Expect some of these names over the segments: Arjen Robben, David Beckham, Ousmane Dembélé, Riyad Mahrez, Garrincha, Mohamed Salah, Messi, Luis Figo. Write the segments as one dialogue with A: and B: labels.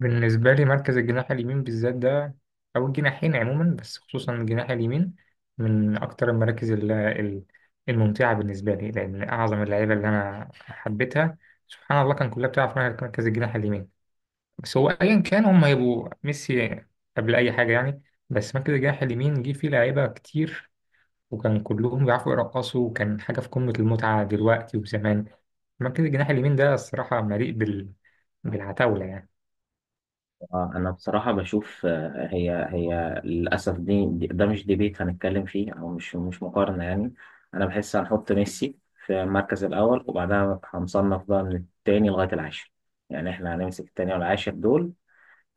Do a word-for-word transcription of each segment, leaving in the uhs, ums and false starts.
A: بالنسبة لي مركز الجناح اليمين بالذات ده، أو الجناحين عموما، بس خصوصا الجناح اليمين، من أكتر المراكز ال- ال- الممتعة بالنسبة لي، لأن أعظم اللعيبة اللي أنا حبيتها سبحان الله كان كلها بتلعب في مركز الجناح اليمين. بس هو أيا كان هم هيبقوا ميسي قبل أي حاجة يعني. بس مركز الجناح اليمين جه فيه لعيبة كتير، وكان كلهم بيعرفوا يرقصوا، وكان حاجة في قمة المتعة دلوقتي وزمان. مركز الجناح اليمين ده الصراحة مليء بال... بالعتاولة يعني.
B: آه، أنا بصراحة بشوف، آه، هي هي للأسف دي دي- ده مش ديبيت هنتكلم فيه، أو مش مش مقارنة يعني. أنا بحس هنحط ميسي في المركز الأول، وبعدها هنصنف بقى من التاني لغاية العاشر. يعني إحنا هنمسك التاني والعاشر دول.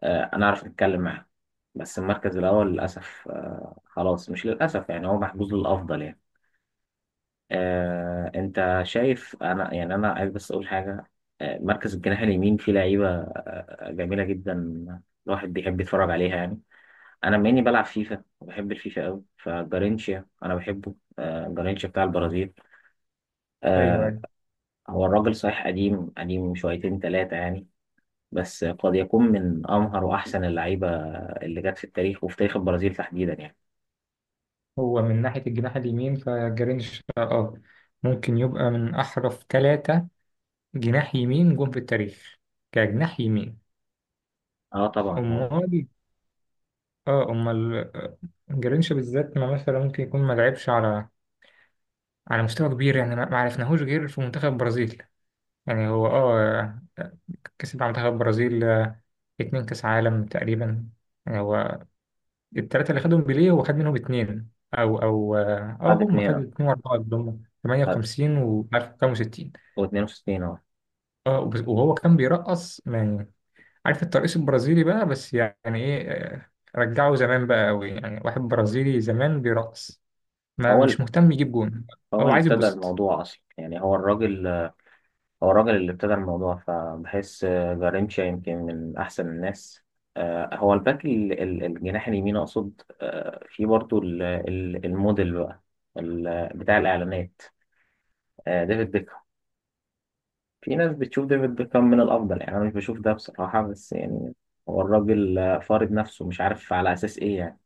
B: آه، أنا أعرف أتكلم معاهم. بس المركز الأول للأسف، آه، خلاص مش للأسف، يعني هو محجوز للأفضل يعني. آه، انت شايف، انا يعني انا عايز بس اقول حاجه. آه، مركز الجناح اليمين فيه لعيبه آه، آه، جميله جدا، الواحد بيحب يتفرج عليها يعني. انا بما اني بلعب فيفا وبحب الفيفا قوي، فجارينشيا انا بحبه، آه، جارينشيا بتاع البرازيل. آه،
A: أيوه.
B: هو الراجل صحيح، قديم قديم شويتين ثلاثه يعني. بس قد يكون من امهر واحسن اللعيبه اللي جت في التاريخ، وفي تاريخ البرازيل تحديدا يعني.
A: هو من ناحية الجناح اليمين فجرينش اه ممكن يبقى من أحرف ثلاثة جناح يمين جم في التاريخ كجناح يمين.
B: اه طبعا، هو
A: أمال. اه أمال. آه، جرينش بالذات، ما مثلا ممكن يكون ما لعبش على على مستوى كبير يعني ما ما عرفناهوش غير في منتخب البرازيل. يعني هو اه كسب مع منتخب البرازيل آه، اتنين كأس عالم تقريبا. يعني هو التلاتة اللي خدهم بيليه هو خد منهم اتنين أو أو اه آه،
B: خد
A: هم
B: اتنين
A: خدوا
B: اه.
A: اتنين وأربعة ضمن
B: خد-
A: تمنية وخمسين و ألف وخمسة وستين.
B: واتنين وستين اه.
A: اه وب- وهو كان بيرقص يعني. عارف الترقيص البرازيلي بقى، بس يعني ايه آه، رجعه زمان بقى قوي، يعني واحد برازيلي زمان بيرقص ما
B: هو
A: مش مهتم يجيب جون.
B: هو
A: هو
B: اللي
A: عايز
B: ابتدى
A: يتبسط.
B: الموضوع أصلا يعني. هو الراجل هو الراجل اللي ابتدى الموضوع، فبحس آه، جارينشا يمكن من أحسن الناس. آه، هو الباك ال- ال- الجناح اليمين أقصد. آه، في برضو ال- ال- الموديل بقى، ال- بتاع الإعلانات. آه، ديفيد بيكهام. في ناس بتشوف ديفيد بيكهام من الأفضل، يعني أنا مش بشوف ده بصراحة بس يعني. هو الراجل آه، فارض نفسه، مش عارف على أساس إيه يعني.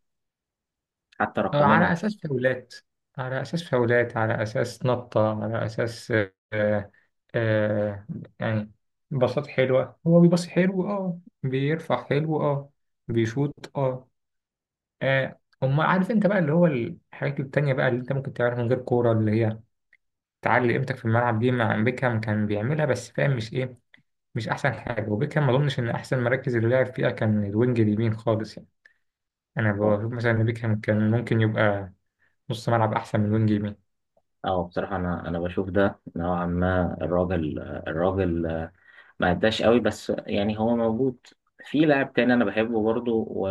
B: حتى
A: آه،
B: رقميا هو
A: على
B: مش-
A: اساس فاولات، على اساس فاولات على اساس نطة، على اساس آه آه يعني باصات حلوة، هو بيباصي حلو اه، بيرفع حلو اه، بيشوط اه. آه، أما عارف انت بقى اللي هو الحاجات التانية بقى اللي انت ممكن تعملها من غير كورة، اللي هي تعلي قيمتك في الملعب، دي مع بيكهام كان بيعملها، بس فاهم مش ايه، مش احسن حاجه. وبيكهام ما اظنش ان احسن مراكز اللي لعب فيها كان الوينج اليمين خالص يعني. انا بشوف مثلا ان بيكهام كان ممكن يبقى نص ملعب احسن من وينج يمين.
B: اه بصراحة، أنا أنا بشوف ده نوعا ما. الراجل الراجل ما عداش قوي بس، يعني هو موجود. في لاعب تاني انا بحبه برضو، و...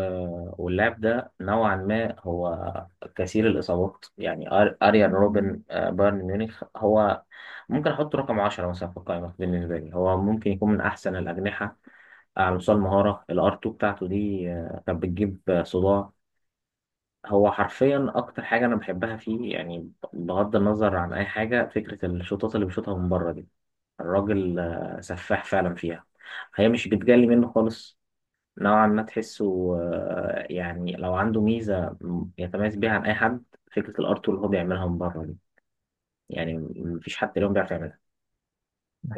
B: واللاعب ده نوعا ما هو كثير الاصابات يعني. أر... اريان روبن، آه، بايرن ميونخ. هو ممكن احطه رقم عشرة مثلا في القائمه بالنسبه لي. هو ممكن يكون من احسن الاجنحه، آه، على مستوى المهاره. الار تو بتاعته دي آه، كانت بتجيب آه، صداع. هو حرفيا اكتر حاجه انا بحبها فيه، يعني بغض النظر عن اي حاجه، فكره الشوطات اللي بيشوطها من بره دي، الراجل آه، سفاح فعلا فيها. هي مش بتجلي منه خالص، نوعا ما تحسه، آه، يعني لو عنده ميزة م- يتميز بيها عن أي حد. فكرة الار اللي هو بيعملها من بره دي، يعني م- مفيش حد اليوم بيعرف يعملها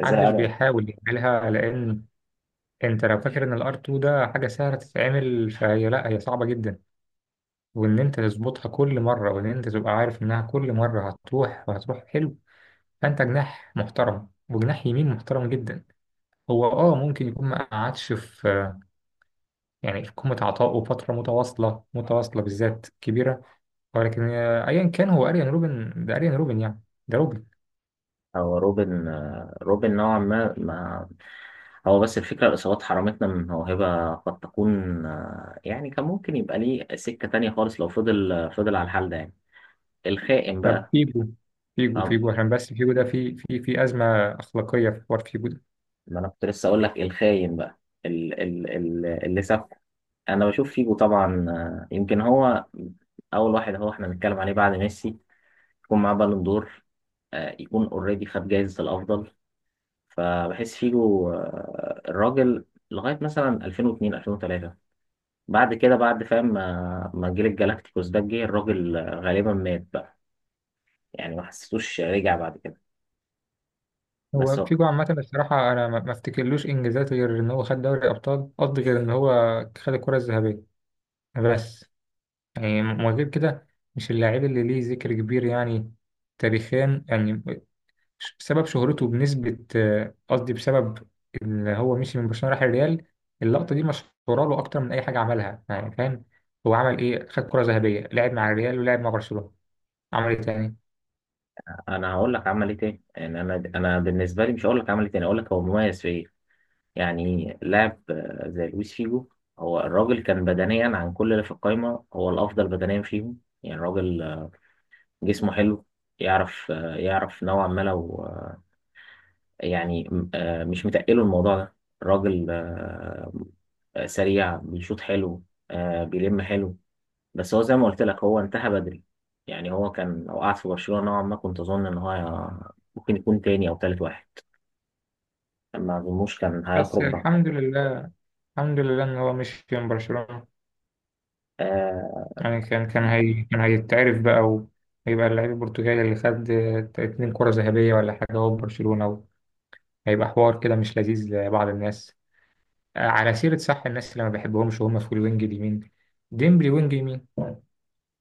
B: زي أرن
A: بيحاول يعملها، لان انت لو فاكر ان الار اتنين ده حاجه سهله تتعمل فهي لا، هي صعبه جدا، وان انت تظبطها كل مره، وان انت تبقى عارف انها كل مره هتروح وهتروح حلو. فانت جناح محترم، وجناح يمين محترم جدا. هو اه ممكن يكون ما قعدش في، يعني في قمة عطائه فترة متواصلة متواصلة بالذات كبيرة، ولكن آه، أيا كان هو أريان روبن، ده أريان روبن يعني. ده روبن.
B: أو روبن. آه، روبن نوعا ما ما هو بس الفكرة، الإصابات حرمتنا من موهبة قد تكون، آه، يعني كان ممكن يبقى ليه سكة تانية خالص، لو فضل آه، فضل على الحال ده يعني. الخائن
A: طب
B: بقى.
A: فيجو. فيجو فيجو عشان بس فيجو ده في في في أزمة أخلاقية، في حوار فيجو ده.
B: ما انا كنت لسه اقول لك الخاين بقى، ال ال ال اللي ساب. انا بشوف فيجو طبعا، آه، يمكن هو اول واحد هو احنا بنتكلم عليه بعد ميسي يكون معاه بالون دور. آه، يكون اوريدي خد جايزة الافضل. فبحس فيجو آه، الراجل، لغاية مثلا الفين واتنين، الفين وتلاته. بعد كده، بعد فاهم ما ما جيل الجالاكتيكوس ده جه، الراجل آه، غالبا مات بقى يعني، ما حسيتوش رجع بعد كده. بس
A: هو
B: هو-
A: فيجو عامة بصراحة أنا ما ما أفتكرلوش إنجازات غير إن هو خد دوري أبطال، قصدي غير إن هو خد الكرة الذهبية بس. يعني من غير كده مش اللاعب اللي ليه ذكر كبير يعني، تاريخيا يعني، بسبب شهرته بنسبة، آه، قصدي بسبب إن هو مشي من برشلونة راح الريال. اللقطة دي مشهورة له أكتر من أي حاجة عملها يعني فاهم. هو عمل إيه؟ خد كرة ذهبية، لعب مع الريال ولعب مع برشلونة. عمل إيه تاني؟
B: انا هقول لك عمل ايه تاني. يعني انا انا بالنسبه لي مش هقول لك عمل ايه تاني، اقول لك هو مميز في ايه. يعني لاعب آه، زي لويس فيجو، هو الراجل كان بدنيا، عن كل اللي في القايمة هو الأفضل بدنيا فيهم يعني. الراجل آه، جسمه حلو. يعرف آه، يعرف نوعا ما، لو آه، يعني م- آه، مش متقله الموضوع ده. الراجل آه، آه، سريع، بيشوط حلو، آه، بيلم حلو. بس هو زي ما قلت لك، هو انتهى بدري. يعني هو كان لو قعد في برشلونة، نوعا ما كنت أظن إن هو ممكن يكون تاني أو تالت واحد. ما أظنوش كان
A: بس
B: هيخرج
A: الحمد لله، الحمد لله إن هو مشي من برشلونة،
B: بقى.
A: يعني كان كان هي كان هيتعرف بقى، وهيبقى اللعيب البرتغالي اللي خد آه، اتنين كرة ذهبية ولا حاجة هو في برشلونة. هيبقى حوار كده مش لذيذ لبعض الناس. على سيرة صح، الناس اللي ما بحبهمش وهم في الوينج اليمين، ديمبلي وينج يمين.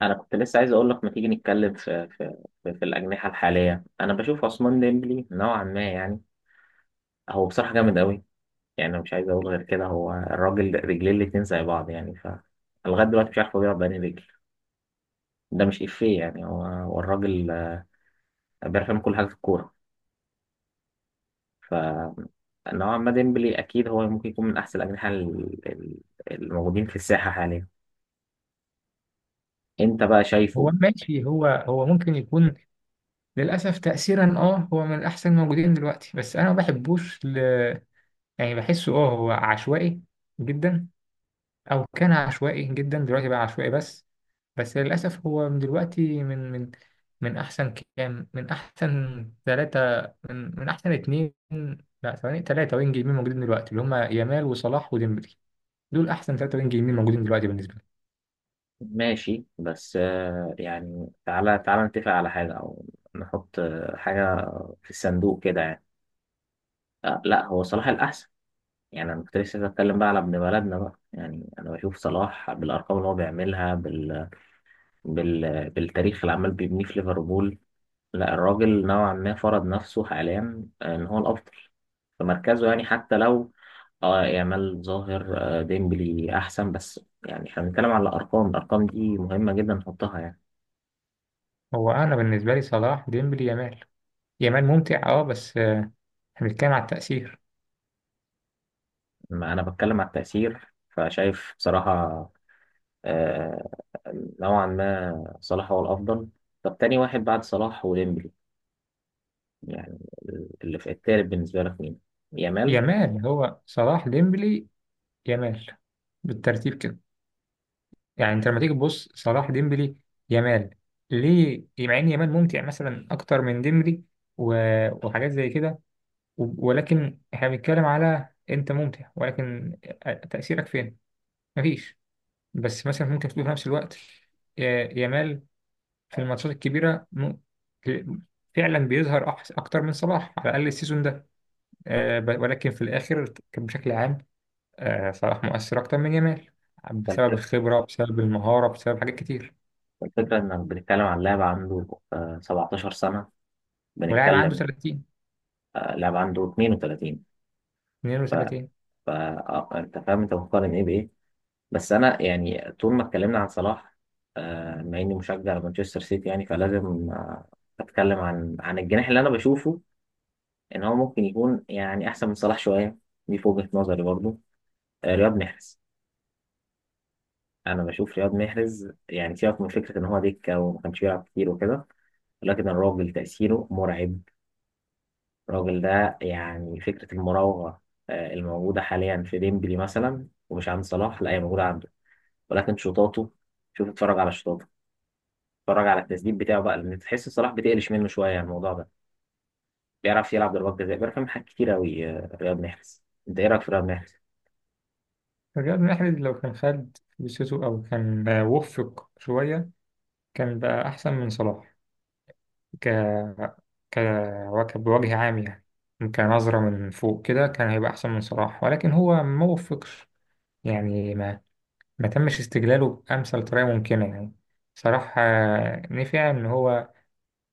B: انا كنت لسه عايز اقول لك، ما تيجي نتكلم في في في, في الاجنحه الحاليه. انا بشوف عثمان ديمبلي نوعا ما يعني. هو بصراحه جامد قوي، يعني انا مش عايز اقول غير كده. هو الراجل رجليه الاتنين زي بعض، يعني ف لغايه دلوقتي مش عارف هو بيلعب بأنهي رجل. ده مش افيه يعني، هو هو الراجل آه، بيعرف يعمل كل حاجه في الكوره. ف نوعا ما ديمبلي اكيد هو ممكن يكون من احسن الاجنحه ال- ال- الموجودين في الساحه حاليا. انت بقى
A: هو
B: شايفه.
A: ماشي، هو هو ممكن يكون للأسف تأثيرا اه هو من الأحسن موجودين دلوقتي، بس أنا ما بحبوش ل... يعني بحسه اه هو عشوائي جدا، أو كان عشوائي جدا، دلوقتي بقى عشوائي بس. بس للأسف هو من دلوقتي من من من أحسن كام، من أحسن ثلاثة، من, من أحسن اتنين، لا ثواني، ثلاثة وينج يمين موجودين دلوقتي اللي هما يامال وصلاح وديمبلي. دول احسن ثلاثة وينج يمين موجودين دلوقتي بالنسبة لي.
B: ماشي بس، آه، يعني تعالى تعالى نتفق على حاجة، أو نحط آه، حاجة في الصندوق كده يعني. آه، لا، هو صلاح الأحسن. يعني أنا كنت لسه بتكلم بقى على ابن بلدنا بقى، يعني أنا بشوف صلاح بالأرقام اللي هو بيعملها بال... بال... بالتاريخ اللي عمال بيبنيه في ليفربول. لا، الراجل نوعا ما فرض نفسه حاليا آه، إن هو الأفضل في مركزه يعني. حتى لو اه يامال ظاهر، آه، ديمبلي أحسن، بس يعني احنا بنتكلم على الأرقام. الأرقام دي مهمة جدا نحطها يعني.
A: هو انا بالنسبة لي صلاح ديمبلي يامال. يامال ممتع اه، بس آه، احنا بنتكلم على التأثير.
B: ما أنا بتكلم على التأثير، فشايف بصراحة آه، نوعا ما صلاح هو الأفضل. طب، تاني واحد بعد صلاح وديمبلي، يعني اللي في التالت بالنسبة لك مين؟ يامال.
A: يامال هو صلاح ديمبلي يامال، بالترتيب كده. يعني انت لما تيجي تبص صلاح ديمبلي يامال، ليه مع ان يامال ممتع مثلا اكتر من ديمبلي و... وحاجات زي كده، و... ولكن احنا بنتكلم على انت ممتع، ولكن آه، تأثيرك فين؟ مفيش. بس مثلا ممكن تقول في نفس الوقت يا- يامال في الماتشات الكبيرة م- ك- فعلا بيظهر أحس- أكتر من صلاح، على الأقل السيزون ده آه، ب- ولكن في الآخر كان بشكل عام آه، صلاح مؤثر أكتر من جمال، بسبب
B: فالفك-
A: الخبرة، بسبب المهارة، بسبب حاجات كتير.
B: الفكرة إنك بتتكلم عن لاعب عنده آه، سبعتاشر سنة.
A: ولاعب عنده
B: بنتكلم
A: ثلاثين،
B: آه، لاعب عنده تنين وتلاتين. ف...
A: اتنين وتلاتين.
B: ف... آه، أنت فاهم، أنت بتقارن إيه بإيه؟ بس أنا يعني طول ما اتكلمنا عن صلاح، آه، بما إني مشجع لمانشستر سيتي يعني، فلازم آه، أتكلم عن عن الجناح اللي أنا بشوفه ان هو ممكن يكون يعني احسن من صلاح شويه. دي في وجهه نظري برضو. آه، رياض محرز. انا بشوف رياض محرز، يعني سيبك من فكره ان هو دكه وما كانش بيلعب كتير وكده. ولكن الراجل تاثيره مرعب. الراجل ده يعني، فكره المراوغه آه، الموجوده حاليا في ديمبلي مثلا ومش عند صلاح، لا هي موجوده عنده. ولكن شوطاته، شوف اتفرج على شوطاته، اتفرج على التسديد بتاعه بقى، لان تحس صلاح بتقلش منه شويه الموضوع ده. بيعرف يلعب ضربات جزاء، بيعرف يعمل حاجات كتير قوي رياض محرز. انت ايه رايك في رياض محرز؟
A: رياض محرز لو كان خد فرصته أو كان آه، وفق شوية، كان بقى أحسن من صلاح. ك ك وك- بوجه عام يعني، كنظرة من فوق كده كان هيبقى أحسن من صلاح، ولكن هو ما وفقش، يعني ما ما تمش استغلاله بأمثل طريقة ممكنة يعني. صراحة آه، نفع إن هو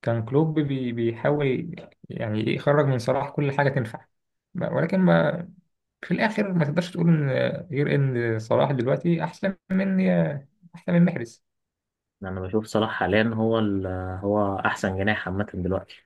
A: كان كلوب بي بيحاول يعني يخرج من صلاح كل حاجة تنفع، ولكن ما في الآخر ما تقدرش تقول إن آه، غير إن صلاح دلوقتي أحسن من آه، أحسن من محرز.
B: انا بشوف صلاح حاليا هو ال... هو احسن جناح عامه دلوقتي.